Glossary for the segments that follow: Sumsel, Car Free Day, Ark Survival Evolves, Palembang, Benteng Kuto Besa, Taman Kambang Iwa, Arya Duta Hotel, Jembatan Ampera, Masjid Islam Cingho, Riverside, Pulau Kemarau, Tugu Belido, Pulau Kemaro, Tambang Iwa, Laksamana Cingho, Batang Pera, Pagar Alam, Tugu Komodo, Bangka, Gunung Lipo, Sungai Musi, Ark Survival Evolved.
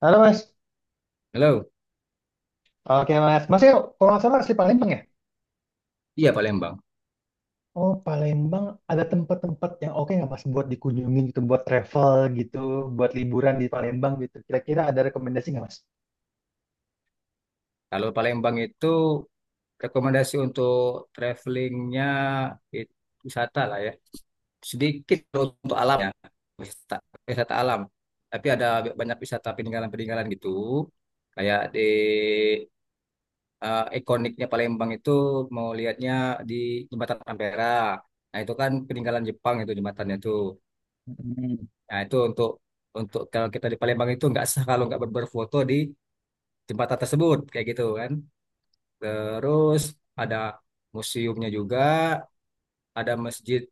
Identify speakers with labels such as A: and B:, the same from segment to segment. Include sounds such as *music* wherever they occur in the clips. A: Halo Mas.
B: Halo,
A: Oke Mas. Masnya ya, kalau nggak salah asli Palembang ya?
B: iya, Palembang.
A: Oh Palembang, ada tempat-tempat yang oke nggak Mas buat dikunjungi gitu, buat travel gitu, buat liburan di Palembang gitu. Kira-kira ada rekomendasi nggak Mas?
B: Kalau Palembang itu rekomendasi untuk travelingnya itu wisata lah ya. Sedikit untuk alamnya, wisata, wisata alam. Tapi ada banyak wisata peninggalan-peninggalan gitu. Kayak ikoniknya Palembang itu mau lihatnya di Jembatan Ampera. Nah, itu kan peninggalan Jepang, itu jembatannya tuh.
A: Hmm.
B: Nah itu untuk kalau kita di Palembang itu nggak sah kalau nggak berfoto di jembatan tersebut kayak gitu kan. Terus ada museumnya juga, ada Masjid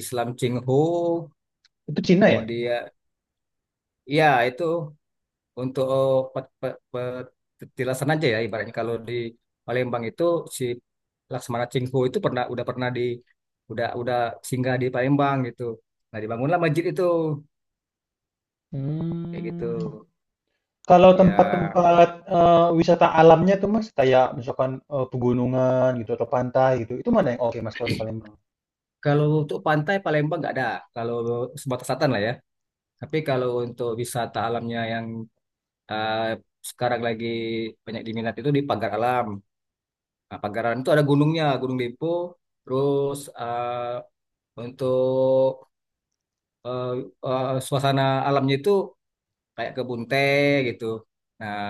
B: Islam Cingho,
A: Itu Cina ya?
B: kemudian ya itu untuk petilasan aja ya ibaratnya kalau di Palembang itu si Laksamana Cingho itu pernah udah pernah di udah singgah di Palembang gitu. Nah, dibangunlah masjid itu kayak gitu.
A: Hmm. Kalau
B: Ya
A: tempat-tempat wisata alamnya tuh Mas, kayak misalkan pegunungan gitu atau pantai gitu, itu mana yang oke Mas kalau di Palembang?
B: kalau untuk pantai Palembang nggak ada, kalau sebatas selatan lah ya. Tapi kalau untuk wisata alamnya yang eh, sekarang lagi banyak diminat itu di Pagar Alam. Nah, Pagar Alam itu ada gunungnya, Gunung Lipo. Terus untuk eh, suasana alamnya itu kayak kebun teh gitu. Nah,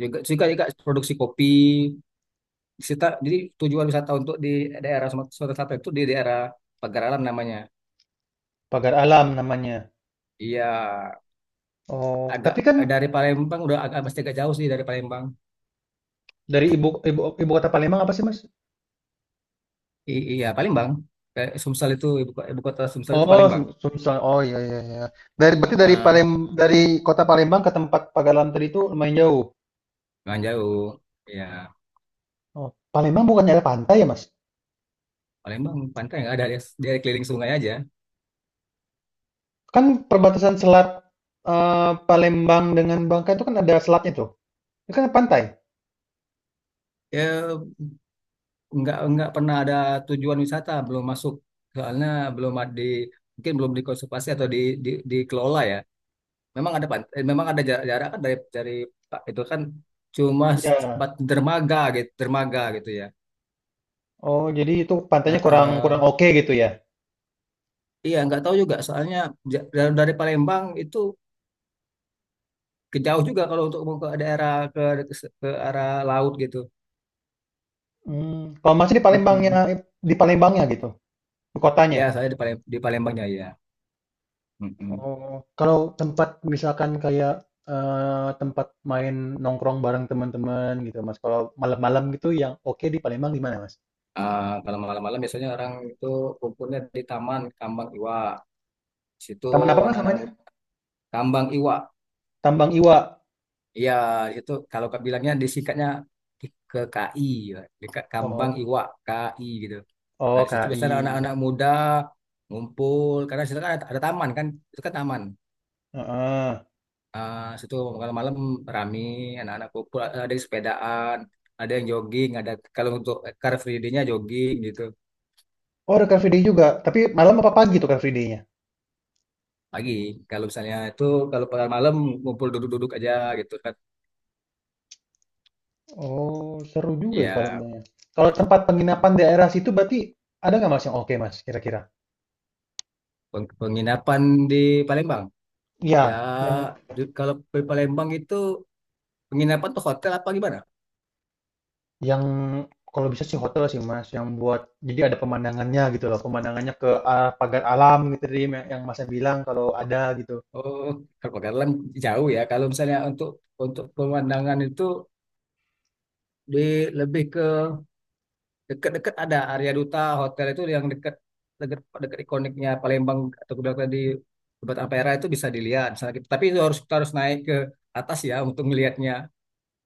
B: juga juga, juga produksi kopi. Kita, jadi tujuan wisata untuk di daerah Sumatera Sumatera Selatan itu di daerah Pagar Alam namanya.
A: Pagar alam namanya.
B: Iya,
A: Oh,
B: agak
A: tapi kan
B: dari Palembang udah agak pasti agak jauh sih dari Palembang.
A: dari ibu ibu ibu kota Palembang apa sih Mas?
B: Iya, Palembang. Kayak Sumsel itu ibu kota Sumsel itu
A: Oh, Sum
B: Palembang.
A: Sumsel. Oh, iya iya iya. Dari berarti dari
B: Heeh,
A: Palem, dari kota Palembang ke tempat Pagalan tadi itu lumayan jauh.
B: nggak jauh. Ya,
A: Oh, Palembang bukannya ada pantai ya, Mas?
B: Palembang pantai nggak ada, dia keliling sungai aja.
A: Kan perbatasan selat, Palembang dengan Bangka itu kan ada selatnya tuh. Itu kan pantai.
B: Ya, nggak pernah ada tujuan wisata, belum masuk. Soalnya belum ada di mungkin belum dikonservasi atau dikelola ya. Memang ada pantai, memang ada jarak, jarak kan dari Pak, itu kan cuma
A: Iya.
B: sempat dermaga gitu ya.
A: Oh, jadi itu pantainya kurang kurang
B: Heeh.
A: oke gitu ya.
B: Iya, nggak tahu juga. Soalnya dari Palembang itu ke jauh juga kalau untuk mau ke daerah ke arah laut gitu.
A: Hmm. Kalau Mas di Palembangnya,
B: Mm-mm.
A: di Palembangnya gitu, di
B: Ya,
A: kotanya.
B: saya di Palembangnya ya. Mm-mm.
A: Oh, kalau tempat misalkan kayak tempat main nongkrong bareng teman-teman gitu, Mas. Kalau malam-malam gitu yang oke di Palembang di mana, Mas?
B: Ah, kalau malam-malam biasanya orang itu kumpulnya di Taman Kambang Iwa. Di situ
A: Taman apa, Mas,
B: anak-anak
A: namanya?
B: muda. Kambang Iwa.
A: Tambang Iwa.
B: Iya, itu kalau kak bilangnya disikatnya ke KI ya, dekat Kambang
A: Oh,
B: Iwa, KI gitu. Nah,
A: oh,
B: di situ biasanya
A: KI.
B: anak-anak muda ngumpul karena di situ kan ada taman kan, itu kan taman.
A: Heeh.
B: Ah, di situ malam-malam rame, anak-anak kumpul, ada yang sepedaan, ada yang jogging, ada kalau untuk car free day-nya jogging gitu.
A: Oh, ada Car Free Day juga. Tapi malam apa pagi tuh Car Free Day-nya?
B: Pagi. Kalau misalnya itu kalau pada malam ngumpul duduk-duduk aja gitu kan.
A: Oh, seru juga ya
B: Ya
A: Palembangnya. Kalau tempat penginapan daerah situ berarti ada nggak Mas yang oke, Mas, kira-kira?
B: penginapan di Palembang. Ya
A: Iya, yang
B: kalau di Palembang itu penginapan tuh hotel apa gimana?
A: Yang kalau bisa sih hotel sih, Mas, yang buat jadi ada pemandangannya gitu loh, pemandangannya ke arah pagar alam gitu tadi yang Masnya bilang kalau ada gitu.
B: Oh, kalau Pagalan jauh ya. Kalau misalnya untuk pemandangan itu di lebih ke dekat-dekat ada Arya Duta Hotel itu yang dekat dekat dekat ikoniknya Palembang atau kuda tadi Jembatan Ampera itu bisa dilihat. Misalnya, gitu. Tapi itu harus kita harus naik ke atas ya untuk melihatnya.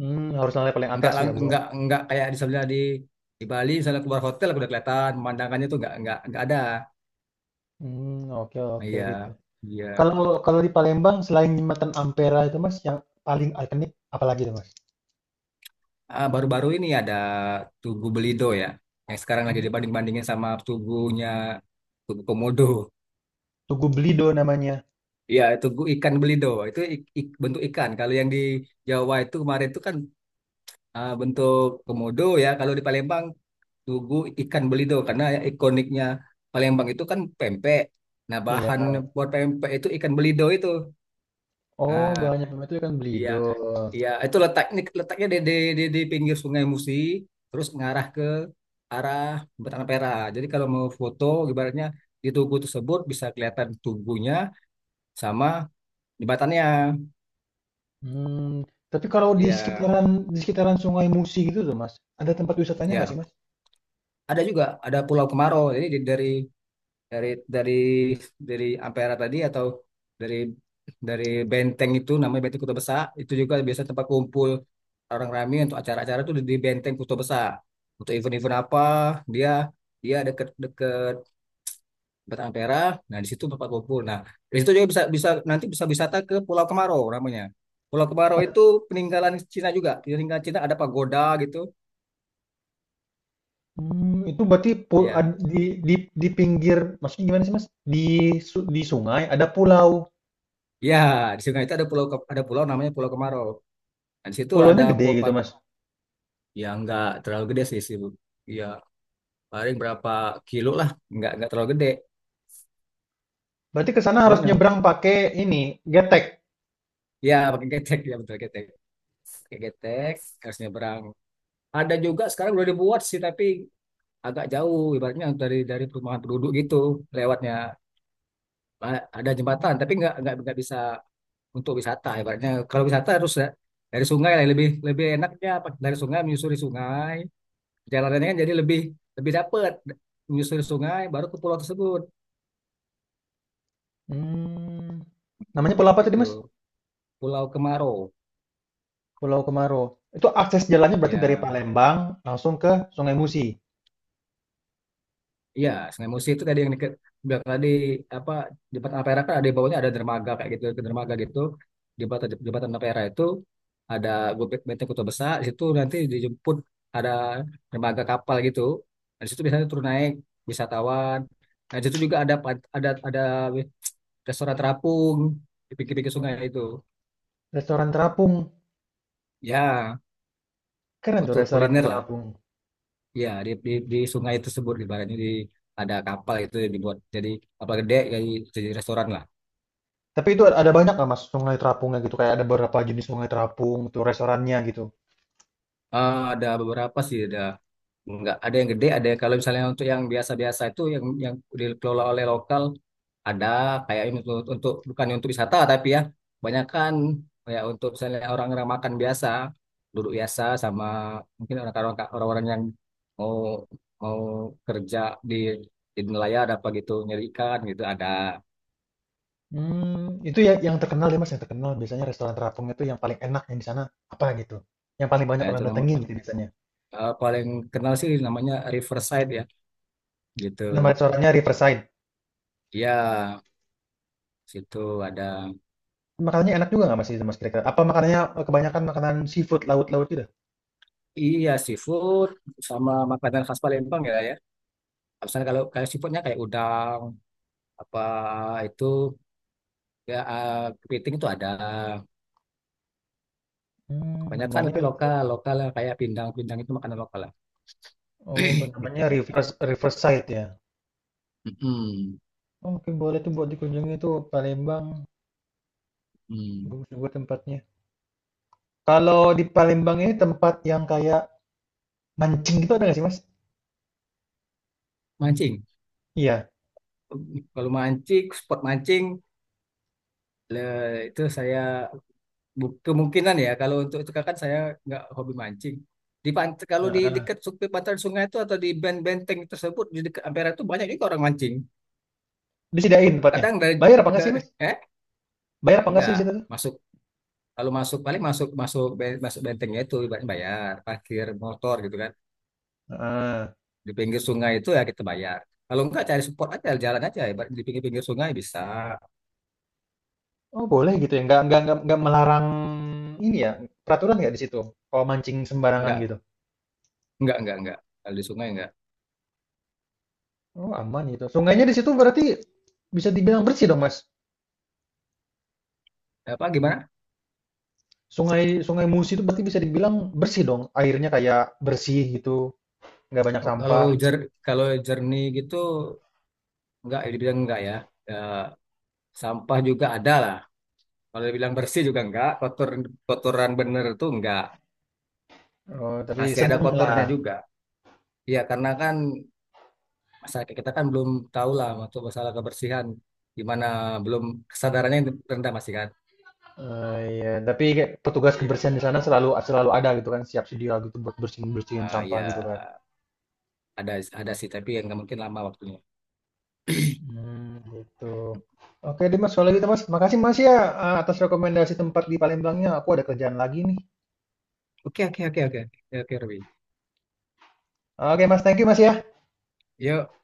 A: Mmm, harus lantai paling
B: Nggak
A: atas ya
B: lang-
A: buat
B: nggak kayak di sebelah di Bali misalnya keluar hotel udah kelihatan pemandangannya tuh nggak ada.
A: mmm, oke
B: Nah,
A: oke
B: iya,
A: gitu.
B: iya.
A: Kalau kalau di Palembang selain jembatan Ampera itu, Mas, yang paling ikonik apalagi tuh, Mas?
B: Ah, baru-baru ini ada Tugu Belido ya yang sekarang lagi
A: Tugu
B: dibanding-bandingin sama tugunya Tugu Komodo.
A: Tugu Belido namanya.
B: Iya, tugu ikan belido itu bentuk ikan. Kalau yang di Jawa itu kemarin itu kan ah, bentuk komodo ya. Kalau di Palembang tugu ikan belido karena ya ikoniknya Palembang itu kan pempek. Nah,
A: Iya.
B: bahan buat pempek itu ikan belido itu.
A: Oh,
B: Ah,
A: banyak memang itu kan
B: iya,
A: Belido.
B: iya. Itu letaknya letaknya di pinggir Sungai Musi, terus ngarah ke arah Batang Pera. Jadi kalau mau foto, ibaratnya di tugu tersebut bisa kelihatan tubuhnya sama jembatannya.
A: Hmm, tapi kalau di
B: Ya,
A: sekitaran, di sekitaran Sungai Musi gitu tuh, Mas, ada tempat wisatanya nggak sih,
B: ya.
A: Mas?
B: Ada juga ada Pulau Kemarau. Jadi dari dari dari Ampera tadi atau dari dari benteng itu namanya benteng Kuto Besa, itu juga biasa tempat kumpul orang ramai untuk acara-acara itu di benteng Kuto Besa untuk event-event apa, dia dia deket deket tempat Ampera, nah di situ tempat kumpul, nah di situ juga bisa, nanti bisa wisata ke Pulau Kemarau namanya. Pulau Kemarau itu peninggalan Cina, juga peninggalan Cina, ada pagoda gitu.
A: Mmm, itu berarti pu ad,
B: Ya,
A: di di di pinggir maksudnya gimana sih Mas? Di su di sungai ada pulau,
B: ya, di sungai itu ada pulau namanya Pulau Kemarau. Nah, di situ
A: pulaunya
B: ada
A: gede gitu
B: pagoda.
A: Mas?
B: Ya nggak terlalu gede sih sih Bu. Ya paling berapa kilo lah, nggak terlalu gede.
A: Berarti ke sana harus
B: Cuman ya,
A: nyebrang pakai ini, getek?
B: ya, pakai getek ya betul getek pakai getek harusnya berang. Ada juga sekarang udah dibuat sih tapi agak jauh ibaratnya dari perumahan penduduk gitu lewatnya. Ada jembatan tapi nggak bisa untuk wisata ibaratnya. Kalau wisata harus dari sungai lah, lebih lebih enaknya dari sungai menyusuri sungai, jalanannya kan jadi lebih lebih dapet, menyusuri sungai baru ke pulau tersebut.
A: Mmm, namanya
B: Hmm,
A: pulau apa tadi
B: gitu.
A: Mas?
B: Pulau Kemaro.
A: Pulau Kemaro. Itu akses jalannya berarti dari
B: Ya,
A: Palembang langsung ke Sungai Musi?
B: ya. Sungai Musi itu tadi yang deket, bilang tadi apa, di jembatan Ampera kan ada di bawahnya ada dermaga kayak gitu, ke dermaga gitu. Di Jembatan jembatan Ampera itu ada Gobek Benteng Kota Besar, di situ nanti dijemput ada dermaga kapal gitu. Nah, di situ biasanya turun naik wisatawan. Nah, di situ juga ada ada restoran terapung di pinggir-pinggir sungai
A: Oh,
B: itu.
A: restoran terapung,
B: Ya,
A: keren tuh
B: untuk
A: restoran
B: kuliner lah.
A: terapung.
B: Ya, di sungai tersebut ibaratnya di ada kapal itu yang dibuat jadi kapal gede, jadi restoran lah.
A: Tapi itu ada banyak nggak Mas sungai terapungnya gitu, kayak ada beberapa jenis sungai terapung, tuh restorannya gitu?
B: Ah, ada beberapa sih, ada nggak ada yang gede, ada yang kalau misalnya untuk yang biasa-biasa itu yang dikelola oleh lokal, ada kayak ini untuk, bukan untuk wisata tapi ya kebanyakan kayak untuk misalnya orang-orang makan biasa, duduk biasa, sama mungkin orang-orang yang mau mau kerja di nelayan ada apa gitu, nyari ikan gitu ada.
A: Hmm, itu ya yang terkenal ya, Mas, yang terkenal biasanya restoran terapung itu yang paling enak yang di sana apa gitu? Yang paling banyak
B: Eh,
A: orang
B: itu nama,
A: datengin gitu biasanya?
B: paling kenal sih namanya Riverside ya
A: Nama
B: gitu.
A: restorannya Riverside.
B: Ya situ ada.
A: Makanannya enak juga nggak, Mas, itu, Mas, kira-kira? Apa makanannya, kebanyakan makanan seafood laut-laut gitu?
B: Iya, seafood sama makanan khas Palembang ya, ya. Misalnya kalau kayak seafoodnya kayak udang apa itu ya, kepiting itu ada.
A: Hmm
B: Kebanyakan
A: namanya
B: lebih lokal lokal lah, kayak pindang-pindang itu makanan lokal lah
A: oh, ben-
B: *clears throat* gitu.
A: namanya Rivers Riverside ya?
B: Mm-mm.
A: Oh, mungkin boleh tuh buat dikunjungi tuh Palembang,
B: Mm.
A: bagus juga tempatnya. Kalau di Palembang ini tempat yang kayak mancing gitu ada nggak sih, Mas?
B: Mancing.
A: Iya,
B: Kalau mancing, spot mancing itu saya, kemungkinan ya kalau untuk itu kan saya nggak hobi mancing. Di pant kalau di
A: heeh,
B: dekat tepi pantai sungai itu atau di benteng-benteng tersebut di dekat Ampera itu banyak juga orang mancing.
A: disediain tempatnya?
B: Kadang dari,
A: Bayar apa nggak sih,
B: da-
A: Mas?
B: eh
A: Bayar
B: ya
A: apa nggak sih
B: enggak
A: di situ tuh?
B: masuk. Kalau masuk paling masuk masuk ben- masuk bentengnya itu ibaratnya bayar parkir motor gitu kan,
A: Heeh.
B: di pinggir sungai itu ya kita bayar. Kalau enggak, cari spot aja, jalan aja ibarat di pinggir-pinggir sungai bisa.
A: Oh boleh gitu ya, nggak melarang ini ya peraturan nggak di situ kalau mancing sembarangan
B: Enggak
A: gitu.
B: enggak, kalau di sungai enggak.
A: Oh aman gitu. Sungainya
B: Iya.
A: di situ berarti bisa dibilang bersih dong Mas.
B: Apa gimana?
A: Sungai Sungai Musi itu berarti bisa dibilang bersih dong. Airnya kayak bersih gitu, nggak banyak
B: Oh, kalau
A: sampah.
B: jer kalau jernih gitu. Enggak, dibilang enggak ya. Eh, sampah juga ada lah. Kalau dibilang bersih juga enggak, kotoran bener itu enggak.
A: Oh, tapi
B: Masih ada
A: sedang
B: kotornya
A: lah.
B: juga. Iya, karena kan masyarakat kita kan belum tahu lah untuk masalah kebersihan. Gimana, belum kesadarannya, rendah masih kan.
A: Eh, iya, tapi kayak petugas
B: Iya.
A: kebersihan di sana selalu selalu ada gitu kan, siap sedia gitu buat bersihin bersihin
B: Ah,
A: sampah gitu kan.
B: ya, ada ada sih tapi yang nggak mungkin lama waktunya.
A: Mmm, gitu. Oke deh Mas, kalau gitu Mas. Makasih Mas ya, atas rekomendasi tempat di Palembangnya, aku ada kerjaan lagi nih.
B: Oke, oke, oke, oke, oke, oke, Ruby.
A: Oke Mas, thank you Mas ya.
B: Yuk.